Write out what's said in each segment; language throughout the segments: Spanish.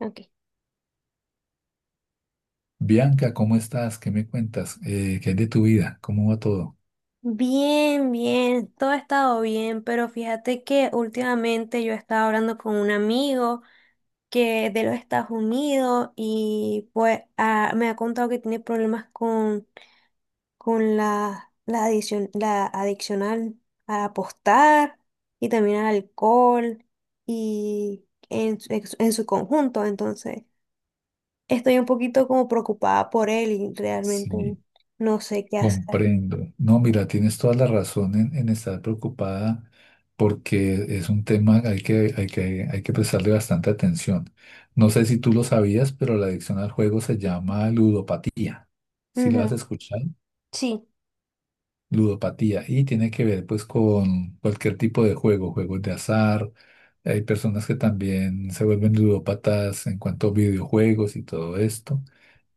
Ok. Bianca, ¿cómo estás? ¿Qué me cuentas? ¿Qué hay de tu vida? ¿Cómo va todo? Bien, bien, todo ha estado bien, pero fíjate que últimamente yo estaba hablando con un amigo que de los Estados Unidos y pues me ha contado que tiene problemas con la adicción, la adicción a apostar y también al alcohol y en su conjunto. Entonces, estoy un poquito como preocupada por él y realmente Sí, no sé qué hacer. comprendo. No, mira, tienes toda la razón en, estar preocupada porque es un tema al que hay que prestarle bastante atención. No sé si tú lo sabías, pero la adicción al juego se llama ludopatía. ¿Sí la has Ujú. escuchado? Sí. Ludopatía, y tiene que ver pues con cualquier tipo de juego, juegos de azar. Hay personas que también se vuelven ludópatas en cuanto a videojuegos y todo esto.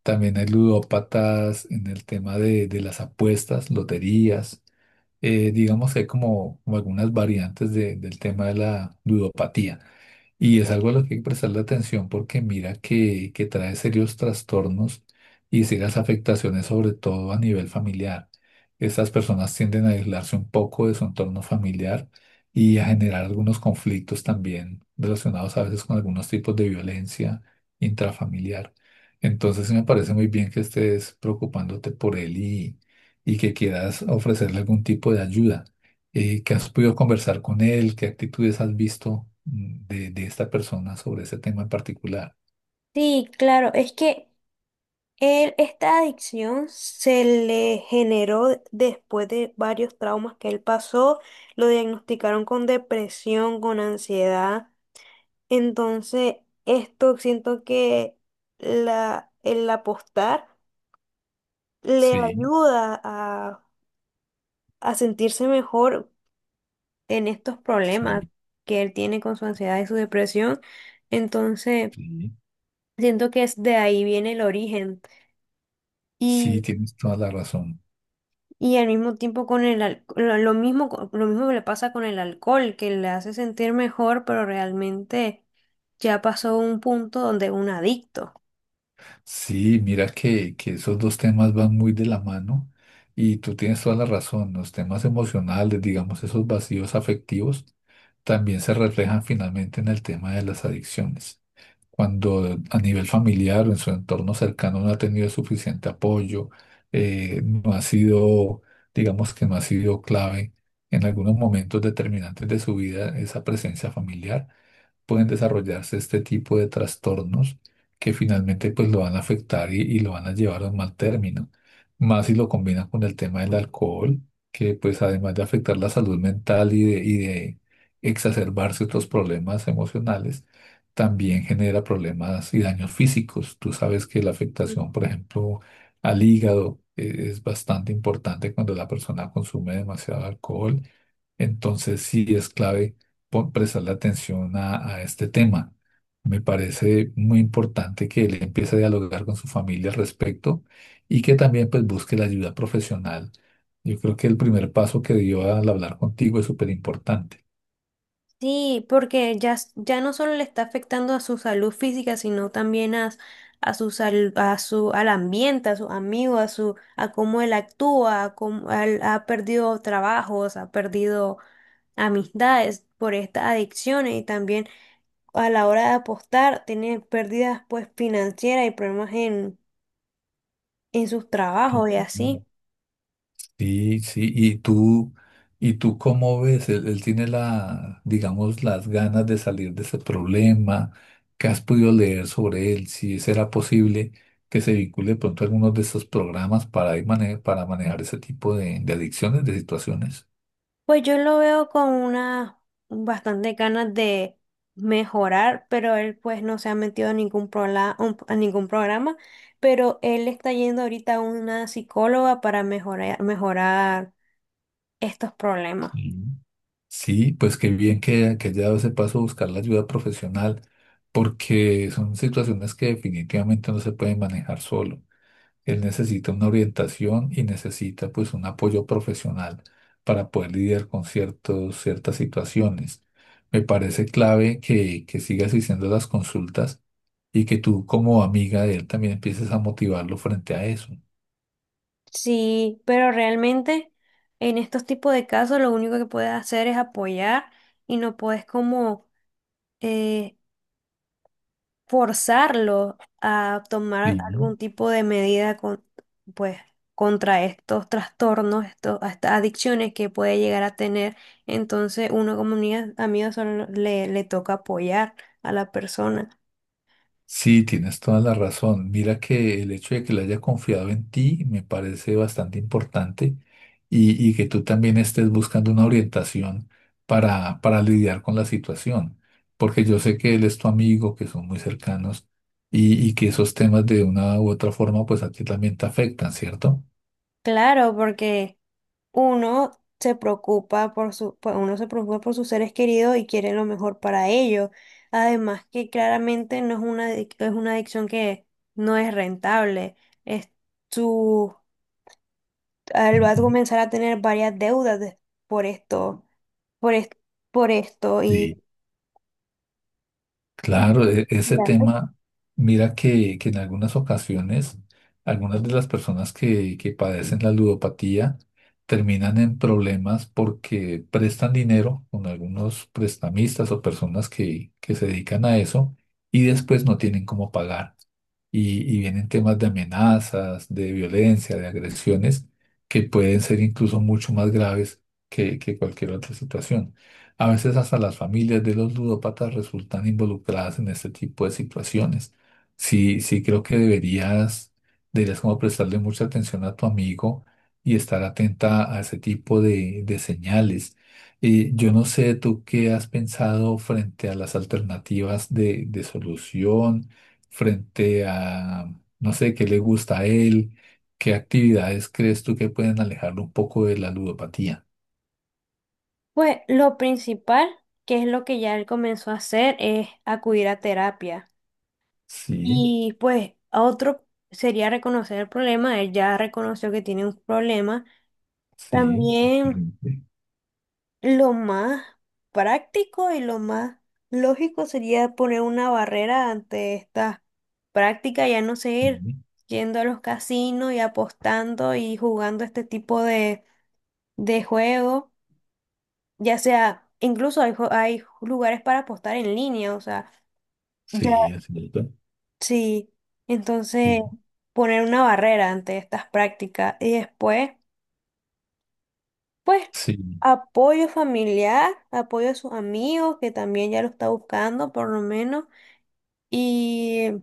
También hay ludópatas en el tema de las apuestas, loterías. Digamos que hay como, como algunas variantes del tema de la ludopatía. Y es algo a lo que hay que prestarle atención porque mira que, trae serios trastornos y serias afectaciones, sobre todo a nivel familiar. Estas personas tienden a aislarse un poco de su entorno familiar y a generar algunos conflictos también relacionados a veces con algunos tipos de violencia intrafamiliar. Entonces sí me parece muy bien que estés preocupándote por él y, que quieras ofrecerle algún tipo de ayuda, que has podido conversar con él, qué actitudes has visto, de, esta persona sobre ese tema en particular. Sí, claro, es que él, esta adicción se le generó después de varios traumas que él pasó, lo diagnosticaron con depresión, con ansiedad, entonces esto siento que el apostar le Sí, ayuda a sentirse mejor en estos problemas sí, que él tiene con su ansiedad y su depresión, entonces sí, siento que es de ahí viene el origen. sí, tienes toda la razón. Y al mismo tiempo con el lo mismo, lo mismo me le pasa con el alcohol, que le hace sentir mejor, pero realmente ya pasó un punto donde es un adicto. Sí, mira que, esos dos temas van muy de la mano y tú tienes toda la razón. Los temas emocionales, digamos, esos vacíos afectivos, también se reflejan finalmente en el tema de las adicciones. Cuando a nivel familiar o en su entorno cercano no ha tenido suficiente apoyo, no ha sido, digamos que no ha sido clave en algunos momentos determinantes de su vida, esa presencia familiar, pueden desarrollarse este tipo de trastornos que finalmente pues lo van a afectar y, lo van a llevar a un mal término. Más si lo combinan con el tema del alcohol, que pues además de afectar la salud mental y de exacerbarse otros problemas emocionales, también genera problemas y daños físicos. Tú sabes que la afectación, por ejemplo, al hígado, es bastante importante cuando la persona consume demasiado alcohol. Entonces sí es clave prestarle atención a, este tema. Me parece muy importante que él empiece a dialogar con su familia al respecto y que también pues busque la ayuda profesional. Yo creo que el primer paso que dio al hablar contigo es súper importante. Sí, porque ya no solo le está afectando a su salud física, sino también a su al ambiente, a sus amigos, a su, a cómo él actúa, a ha perdido trabajos, ha perdido amistades por estas adicciones y también a la hora de apostar, tenían pérdidas pues financieras y problemas en sus trabajos y así. Sí, sí, y tú, cómo ves, él, tiene la, digamos, las ganas de salir de ese problema, ¿qué has podido leer sobre él? Si será posible que se vincule de pronto a algunos de esos programas para ir para manejar ese tipo de adicciones, de situaciones. Pues yo lo veo con una bastante ganas de mejorar, pero él pues no se ha metido a ningún a ningún programa, pero él está yendo ahorita a una psicóloga para mejorar, mejorar estos problemas. Mm. Sí, pues qué bien que, haya dado ese paso a buscar la ayuda profesional, porque son situaciones que definitivamente no se pueden manejar solo. Él necesita una orientación y necesita pues un apoyo profesional para poder lidiar con ciertas situaciones. Me parece clave que, sigas haciendo las consultas y que tú como amiga de él también empieces a motivarlo frente a eso. Sí, pero realmente en estos tipos de casos lo único que puedes hacer es apoyar y no puedes como eh, forzarlo a tomar Sí. algún tipo de medida con, pues, contra estos trastornos, estos, a estas adicciones que puede llegar a tener. Entonces, uno como amiga, amigo solo le toca apoyar a la persona. Sí, tienes toda la razón. Mira que el hecho de que le haya confiado en ti me parece bastante importante y, que tú también estés buscando una orientación para, lidiar con la situación, porque yo sé que él es tu amigo, que son muy cercanos y, que esos temas de una u otra forma pues a ti también te afectan, ¿cierto? Claro, porque uno se preocupa por su, pues, uno se preocupa por sus seres queridos y quiere lo mejor para ellos. Además que claramente no es una, es una adicción que no es rentable. Es él va a Ujú. comenzar a tener varias por esto, por, es- por esto y Sí. Claro, y ese le afecta. tema, mira que en algunas ocasiones, algunas de las personas que, padecen la ludopatía terminan en problemas porque prestan dinero con algunos prestamistas o personas que, se dedican a eso y después no tienen cómo pagar. Y, vienen temas de amenazas, de violencia, de agresiones que pueden ser incluso mucho más graves que, cualquier otra situación. A veces hasta las familias de los ludópatas resultan involucradas en este tipo de situaciones. Sí, sí creo que deberías, como prestarle mucha atención a tu amigo y estar atenta a ese tipo de señales. Y yo no sé tú qué has pensado frente a las alternativas de solución, frente a, no sé, qué le gusta a él, qué actividades crees tú que pueden alejarlo un poco de la ludopatía. Pues lo principal, que es lo que ya él comenzó a hacer, es acudir a terapia. Sí, Y pues a otro sería reconocer el problema, él ya reconoció que tiene un problema. sí. También Ujú. lo más práctico y lo más lógico sería poner una barrera ante esta práctica, ya no seguir Ujú. yendo a los casinos y apostando y jugando este tipo de juego. Ya sea, incluso hay, hay lugares para apostar en línea, o sea, ya Sí, así es, ¿verdad? sí. Entonces, Sí, poner una barrera ante estas prácticas y después. Pues sí, apoyo familiar, apoyo a sus amigos, que también ya lo está buscando por lo menos. Y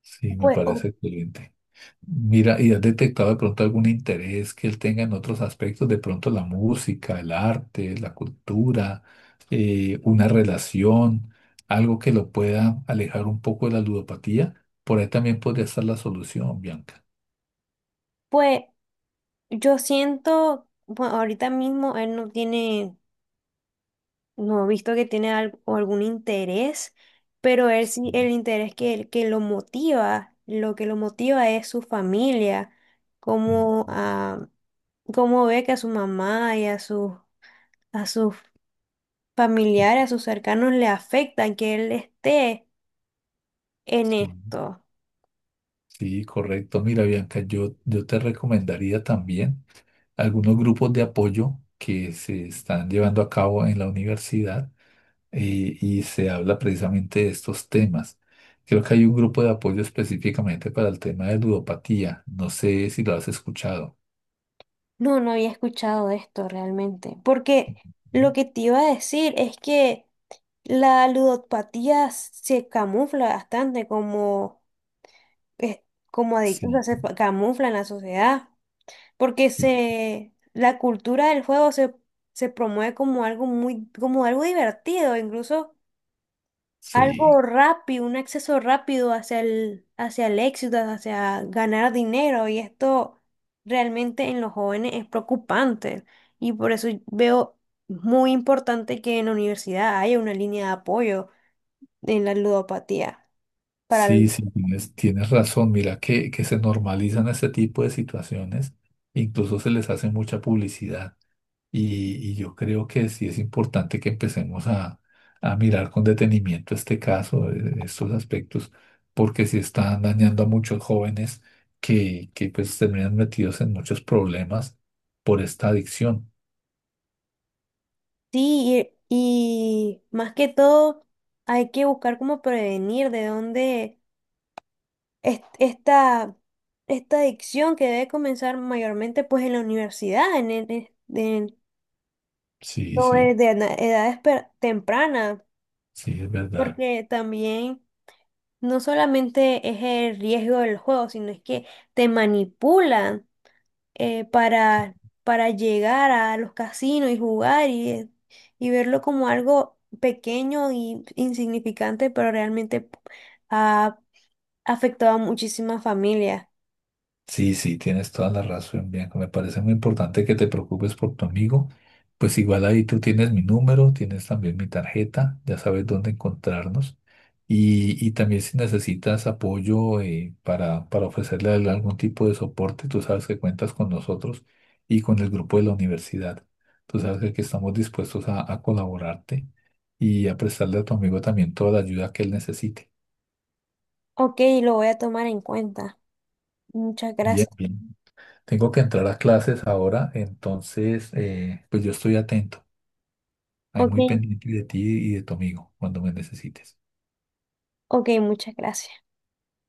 sí, me pues, parece excelente. Mira, ¿y has detectado de pronto algún interés que él tenga en otros aspectos? De pronto la música, el arte, la cultura, una relación, algo que lo pueda alejar un poco de la ludopatía. Por ahí también podría estar la solución, Bianca. pues yo siento, bueno, ahorita mismo él no tiene, no he visto que tiene al- o algún interés, pero él sí, el Mm, interés que, que lo motiva, lo que lo motiva es su familia, como mm, a cómo ve que a su mamá y a sus sí, familiares, a sus cercanos le afecta que él esté en sí, esto. sí, correcto. Mira, Bianca, yo, te recomendaría también algunos grupos de apoyo que se están llevando a cabo en la universidad, y se habla precisamente de estos temas. Creo que hay un grupo de apoyo específicamente para el tema de ludopatía. No sé si lo has escuchado. No, no había escuchado de esto realmente, porque lo que te iba a decir es que la ludopatía se camufla bastante como, es- como adicción, Sí, o sea, se camufla en la sociedad, porque sí, la cultura del juego se promueve como algo muy, como algo divertido, incluso algo sí, rápido, un acceso rápido hacia el éxito, hacia ganar dinero. Y esto realmente en los jóvenes es preocupante. Y por eso veo muy importante que en la universidad haya una línea de apoyo en la ludopatía. Para el- sí, sí, tienes, razón. Mira que, se normalizan este tipo de situaciones, incluso se les hace mucha publicidad. Y, yo creo que sí es importante que empecemos a, mirar con detenimiento este caso, estos aspectos, porque sí están dañando a muchos jóvenes que, pues terminan metidos en muchos problemas por esta adicción. sí, y más que todo, hay que buscar cómo prevenir de dónde esta esta adicción que debe comenzar mayormente pues en la universidad, en Sí, no, sí, es de edades tempranas, sí, es verdad. porque también no solamente es el riesgo del juego, sino es que te manipulan eh, para, para llegar a los casinos y jugar y verlo como algo pequeño y insignificante, pero realmente ha afectado a muchísimas familias. Sí, sí, tienes toda la razón, Bianca. Me parece muy importante que te preocupes por tu amigo. Pues igual ahí tú tienes mi número, tienes también mi tarjeta, ya sabes dónde encontrarnos. Y, también si necesitas apoyo, para, ofrecerle a él algún tipo de soporte, tú sabes que cuentas con nosotros y con el grupo de la universidad. Tú sabes que aquí estamos dispuestos a, colaborarte y a prestarle a tu amigo también toda la ayuda que él necesite. Ok, lo voy a tomar en cuenta. Muchas Bien, gracias. bien. Tengo que entrar a clases ahora, entonces pues yo estoy atento, ahí Ok, muy pendiente de ti y de tu amigo cuando me necesites. ok, muchas gracias.